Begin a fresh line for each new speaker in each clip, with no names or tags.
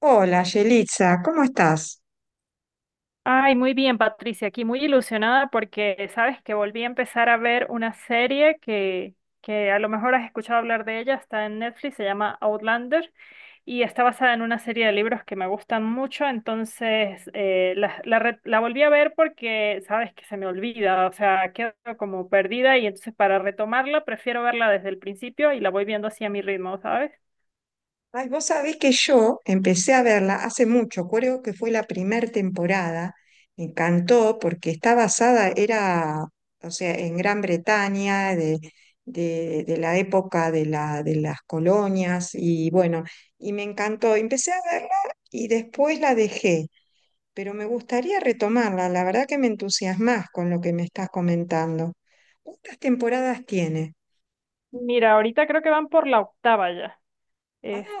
Hola, Yelitza, ¿cómo estás?
Ay, muy bien, Patricia, aquí muy ilusionada porque sabes que volví a empezar a ver una serie que a lo mejor has escuchado hablar de ella. Está en Netflix, se llama Outlander y está basada en una serie de libros que me gustan mucho. Entonces la volví a ver porque sabes que se me olvida, o sea, quedo como perdida. Y entonces para retomarla prefiero verla desde el principio y la voy viendo así a mi ritmo, ¿sabes?
Ay, vos sabés que yo empecé a verla hace mucho, creo que fue la primera temporada. Me encantó porque está basada, era, o sea, en Gran Bretaña, de, de la época de, la, de las colonias, y bueno, y me encantó. Empecé a verla y después la dejé, pero me gustaría retomarla. La verdad que me entusiasmás con lo que me estás comentando. ¿Cuántas temporadas tiene?
Mira, ahorita creo que van por la octava ya.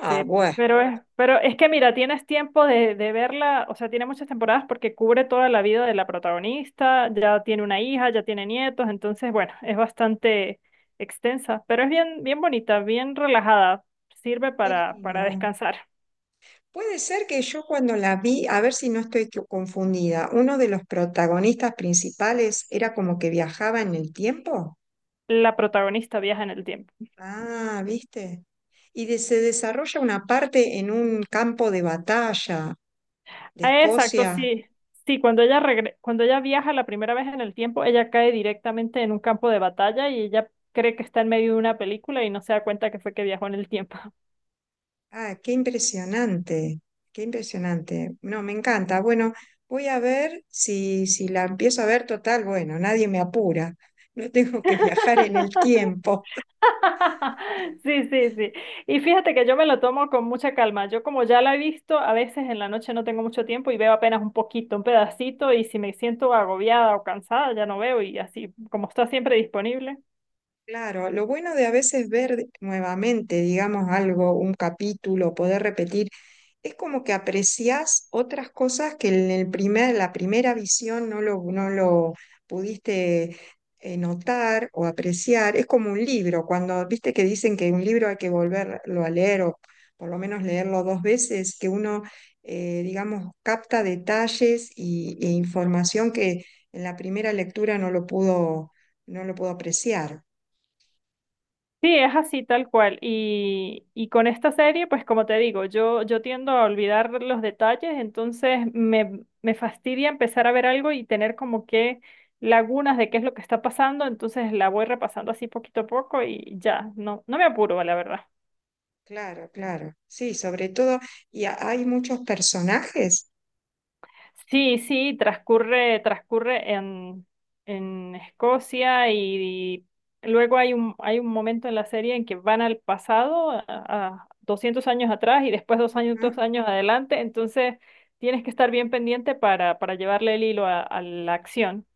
Ah, bueno.
pero es, pero es que mira, tienes tiempo de verla, o sea, tiene muchas temporadas porque cubre toda la vida de la protagonista, ya tiene una hija, ya tiene nietos. Entonces, bueno, es bastante extensa, pero es bien, bien bonita, bien relajada, sirve
Qué
para
lindo.
descansar.
Puede ser que yo cuando la vi, a ver si no estoy confundida, uno de los protagonistas principales era como que viajaba en el tiempo.
La protagonista viaja en el tiempo.
Ah, ¿viste? Y se desarrolla una parte en un campo de batalla de
Ah, exacto,
Escocia.
sí. Sí, cuando ella viaja la primera vez en el tiempo, ella cae directamente en un campo de batalla y ella cree que está en medio de una película y no se da cuenta que fue que viajó en el tiempo.
Ah, qué impresionante, qué impresionante. No, me encanta. Bueno, voy a ver si, si la empiezo a ver total. Bueno, nadie me apura. No tengo que viajar en el tiempo.
Sí, sí, sí. Y fíjate que yo me lo tomo con mucha calma. Yo como ya la he visto, a veces en la noche no tengo mucho tiempo y veo apenas un poquito, un pedacito, y si me siento agobiada o cansada, ya no veo y así, como está siempre disponible.
Claro, lo bueno de a veces ver nuevamente, digamos, algo, un capítulo, poder repetir, es como que apreciás otras cosas que en el primer, la primera visión no lo pudiste notar o apreciar. Es como un libro, cuando viste que dicen que un libro hay que volverlo a leer o por lo menos leerlo dos veces, que uno, digamos, capta detalles y, e información que en la primera lectura no lo pudo apreciar.
Sí, es así tal cual. Y con esta serie, pues como te digo, yo tiendo a olvidar los detalles. Entonces me fastidia empezar a ver algo y tener como que lagunas de qué es lo que está pasando. Entonces la voy repasando así poquito a poco y ya, no, no me apuro, la verdad.
Claro, claro. Sí, sobre todo, y hay muchos personajes.
Sí, sí, transcurre en Escocia y luego hay un momento en la serie en que van al pasado, a 200 años atrás y después doscientos
Ajá.
años adelante. Entonces tienes que estar bien pendiente para llevarle el hilo a la acción.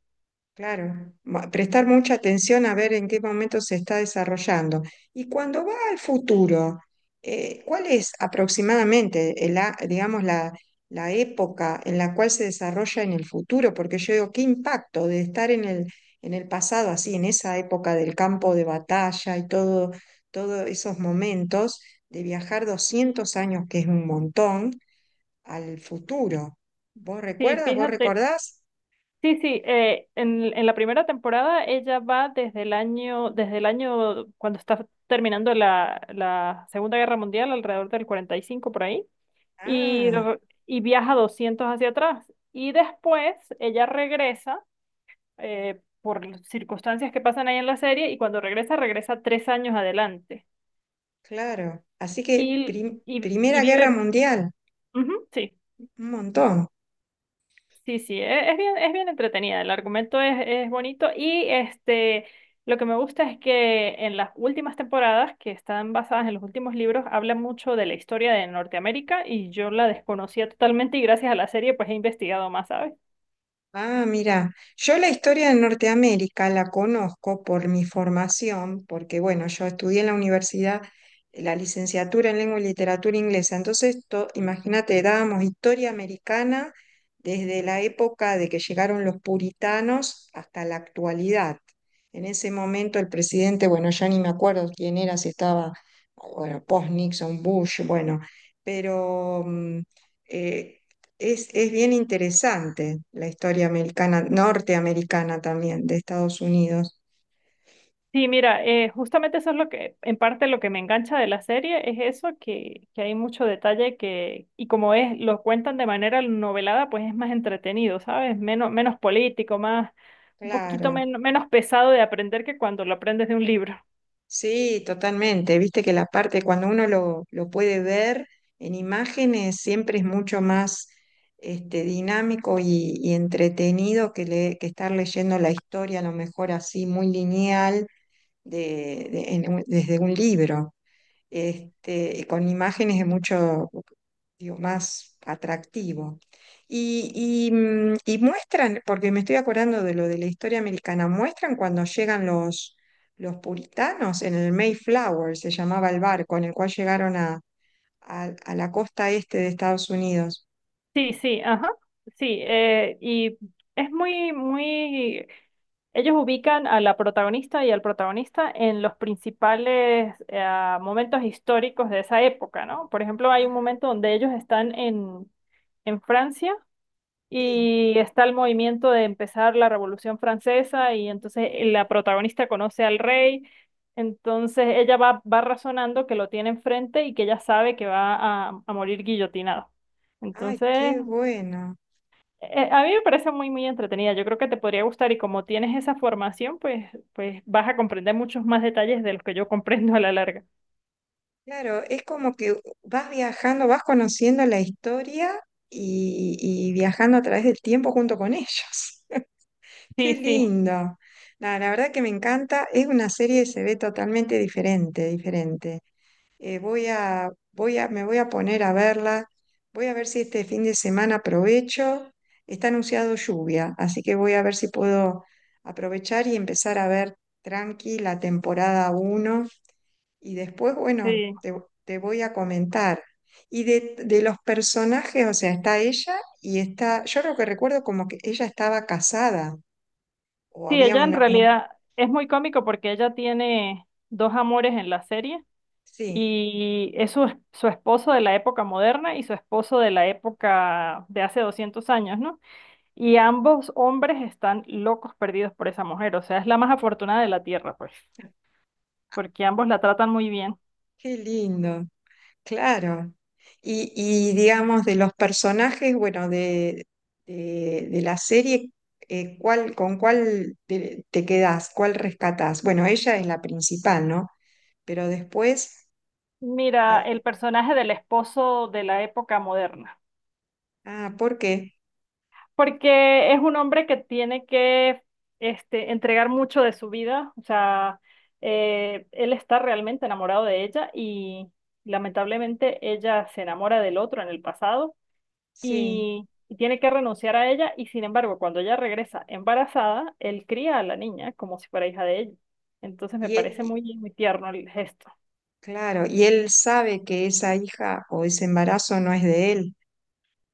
Claro, prestar mucha atención a ver en qué momento se está desarrollando. Y cuando va al futuro, ¿cuál es aproximadamente, el digamos, la época en la cual se desarrolla en el futuro? Porque yo digo, ¿qué impacto de estar en el pasado, así, en esa época del campo de batalla y todo, todos esos momentos, de viajar 200 años, que es un montón? Al futuro. ¿Vos
Sí,
recuerdas? ¿Vos
fíjate.
recordás?
Sí, sí, en la primera temporada ella va desde el año cuando está terminando la Segunda Guerra Mundial, alrededor del 45 por ahí. y,
Ah,
r- y viaja 200 hacia atrás. Y después ella regresa por circunstancias que pasan ahí en la serie, y cuando regresa, regresa 3 años adelante.
claro. Así que
Y, y, y
Primera Guerra
vive...
Mundial,
Ujú, sí,
un montón.
sí, sí, es bien entretenida. El argumento es bonito y lo que me gusta es que en las últimas temporadas, que están basadas en los últimos libros, habla mucho de la historia de Norteamérica y yo la desconocía totalmente, y gracias a la serie pues he investigado más, ¿sabes?
Ah, mira, yo la historia de Norteamérica la conozco por mi formación, porque bueno, yo estudié en la universidad la licenciatura en lengua y literatura inglesa, entonces imagínate, dábamos historia americana desde la época de que llegaron los puritanos hasta la actualidad. En ese momento el presidente, bueno, ya ni me acuerdo quién era, si estaba, bueno, post-Nixon, Bush, bueno, pero... eh, es bien interesante la historia americana, norteamericana también, de Estados Unidos.
Sí, mira, justamente eso es lo que, en parte lo que me engancha de la serie, es eso, que hay mucho detalle que, y como es, lo cuentan de manera novelada, pues es más entretenido, ¿sabes? Menos, menos político, más, un poquito
Claro,
menos pesado de aprender que cuando lo aprendes de un libro.
sí, totalmente. Viste que la parte cuando uno lo puede ver en imágenes siempre es mucho más este, dinámico y entretenido que, que estar leyendo la historia, a lo mejor así muy lineal de, desde un libro. Este, con imágenes es mucho, digo, más atractivo. Y, y, y muestran, porque me estoy acordando de lo de la historia americana, muestran cuando llegan los puritanos en el Mayflower, se llamaba el barco en el cual llegaron a, a la costa este de Estados Unidos.
Sí, sí, ajá, sí, y es muy, muy... Ellos ubican a la protagonista y al protagonista en los principales momentos históricos de esa época, ¿no? Por ejemplo, hay un
Ajá,
momento donde ellos están en Francia
sí.
y está el movimiento de empezar la Revolución Francesa, y entonces la protagonista conoce al rey. Entonces ella va razonando que lo tiene enfrente y que ella sabe que va a morir guillotinado.
Ay,
Entonces
qué bueno.
a mí me parece muy, muy entretenida. Yo creo que te podría gustar y como tienes esa formación, pues, pues vas a comprender muchos más detalles de los que yo comprendo a la larga.
Claro, es como que vas viajando, vas conociendo la historia y viajando a través del tiempo junto con ellos. Qué
Sí, sí,
lindo. La verdad que me encanta. Es una serie que se ve totalmente diferente, diferente. Voy a, voy a, me voy a poner a verla. Voy a ver si este fin de semana aprovecho. Está anunciado lluvia, así que voy a ver si puedo aprovechar y empezar a ver tranqui la temporada uno. Y después, bueno,
sí.
te voy a comentar. Y de los personajes, o sea, está ella y está, yo lo que recuerdo como que ella estaba casada. O
Sí,
había
ella en
una, un-
realidad es muy cómico porque ella tiene dos amores en la serie,
sí,
y es su esposo de la época moderna y su esposo de la época de hace 200 años, ¿no? Y ambos hombres están locos perdidos por esa mujer. O sea, es la más afortunada de la tierra, pues, porque ambos la tratan muy bien.
qué lindo, claro. Y, digamos, de los personajes, bueno, de la serie, ¿cuál, con cuál te, te quedás? ¿Cuál rescatás? Bueno, ella es la principal, ¿no? Pero después,
Mira,
ay,
el personaje del esposo de la época moderna,
ah, ¿por qué?
porque es un hombre que tiene que entregar mucho de su vida, o sea, él está realmente enamorado de ella y lamentablemente ella se enamora del otro en el pasado,
Sí.
y tiene que renunciar a ella. Y sin embargo, cuando ella regresa embarazada, él cría a la niña como si fuera hija de ella. Entonces me
Y él,
parece muy, muy tierno el gesto.
claro, y él sabe que esa hija o ese embarazo no es de él.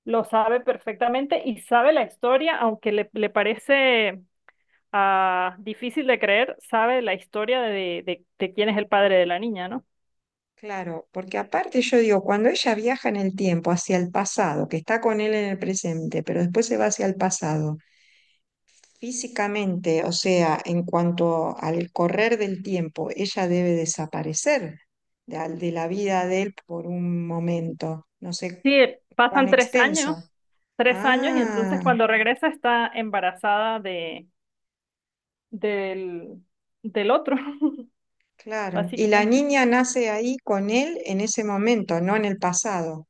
Lo sabe perfectamente y sabe la historia, aunque le parece difícil de creer. Sabe la historia de quién es el padre de la niña, ¿no?
Claro, porque aparte yo digo, cuando ella viaja en el tiempo hacia el pasado, que está con él en el presente, pero después se va hacia el pasado, físicamente, o sea, en cuanto al correr del tiempo, ella debe desaparecer de, de la vida de él por un momento, no sé
Sí,
cuán
pasan tres años,
extenso.
tres años Y entonces
Ah,
cuando regresa está embarazada del, del otro,
claro. Y la
básicamente.
niña nace ahí con él en ese momento, no en el pasado.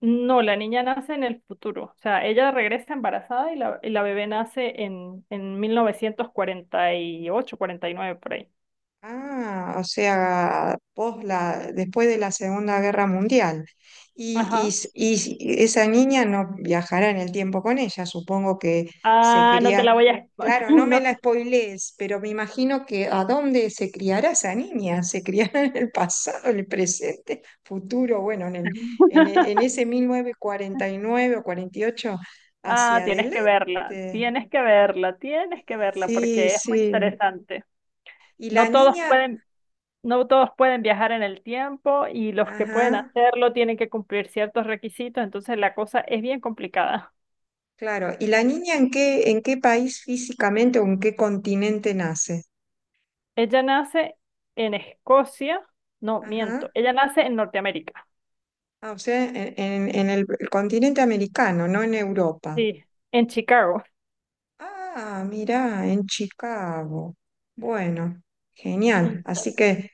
No, la niña nace en el futuro, o sea, ella regresa embarazada, y la bebé nace en 1940, 1948, 1949 por ahí.
Ah, o sea, pos la, después de la Segunda Guerra Mundial. Y,
Ajá.
y esa niña no viajará en el tiempo con ella, supongo que se
Ah, no te la voy
cría.
a...
Claro, no me
No,
la spoilees, pero me imagino que ¿a dónde se criará esa niña? ¿Se criará en el pasado, en el presente, futuro? Bueno, en el, en, en ese 1949 o 48
ah,
hacia
tienes que verla,
adelante.
tienes que verla, tienes que verla
Sí,
porque es muy
sí.
interesante.
Y la
No todos
niña,
pueden, no todos pueden viajar en el tiempo, y los que pueden
ajá.
hacerlo tienen que cumplir ciertos requisitos. Entonces la cosa es bien complicada.
Claro, ¿y la niña en qué país físicamente o en qué continente nace?
Ella nace en Escocia, no, miento,
Ajá.
ella nace en Norteamérica,
Ah, o sea, en, en el continente americano, no en Europa.
sí, en Chicago.
Ah, mirá, en Chicago. Bueno,
Y
genial. Así que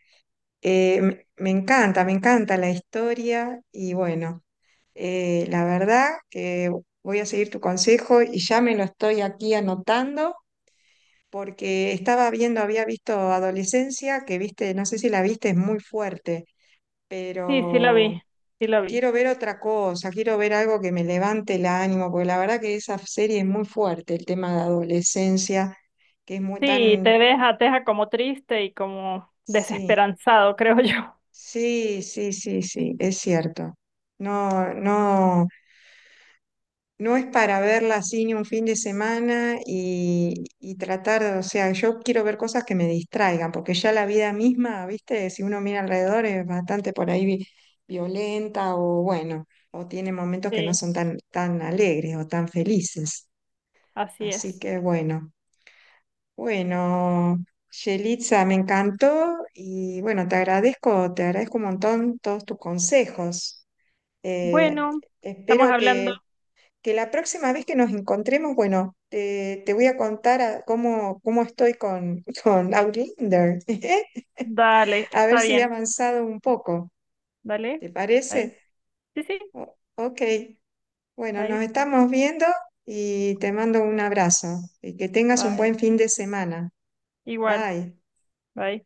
me, me encanta la historia y bueno, la verdad que voy a seguir tu consejo y ya me lo estoy aquí anotando porque estaba viendo, había visto Adolescencia, que viste, no sé si la viste, es muy fuerte,
sí, sí la
pero
vi, sí la vi.
quiero ver otra cosa, quiero ver algo que me levante el ánimo, porque la verdad que esa serie es muy fuerte, el tema de adolescencia, que es muy
Sí, te
tan...
deja, te deja como triste y como
Sí,
desesperanzado, creo yo.
sí, sí, sí, sí, es cierto. No, no. No es para verla así ni un fin de semana y tratar, o sea, yo quiero ver cosas que me distraigan, porque ya la vida misma, viste, si uno mira alrededor es bastante por ahí violenta o bueno, o tiene momentos que no
Sí,
son tan, tan alegres o tan felices.
así es.
Así que bueno, bueno, Yelitza, me encantó y bueno, te agradezco un montón todos tus consejos. Eh,
Bueno, estamos
espero
hablando.
que la próxima vez que nos encontremos, bueno, te voy a contar cómo, cómo estoy con Outlander,
Dale,
a ver
está
si he
bien.
avanzado un poco,
Dale.
¿te
Bye.
parece?
Sí, sí.
Ok, bueno, nos
Bye.
estamos viendo y te mando un abrazo y que tengas un
Bye.
buen fin de semana.
Igual.
Bye.
Bye.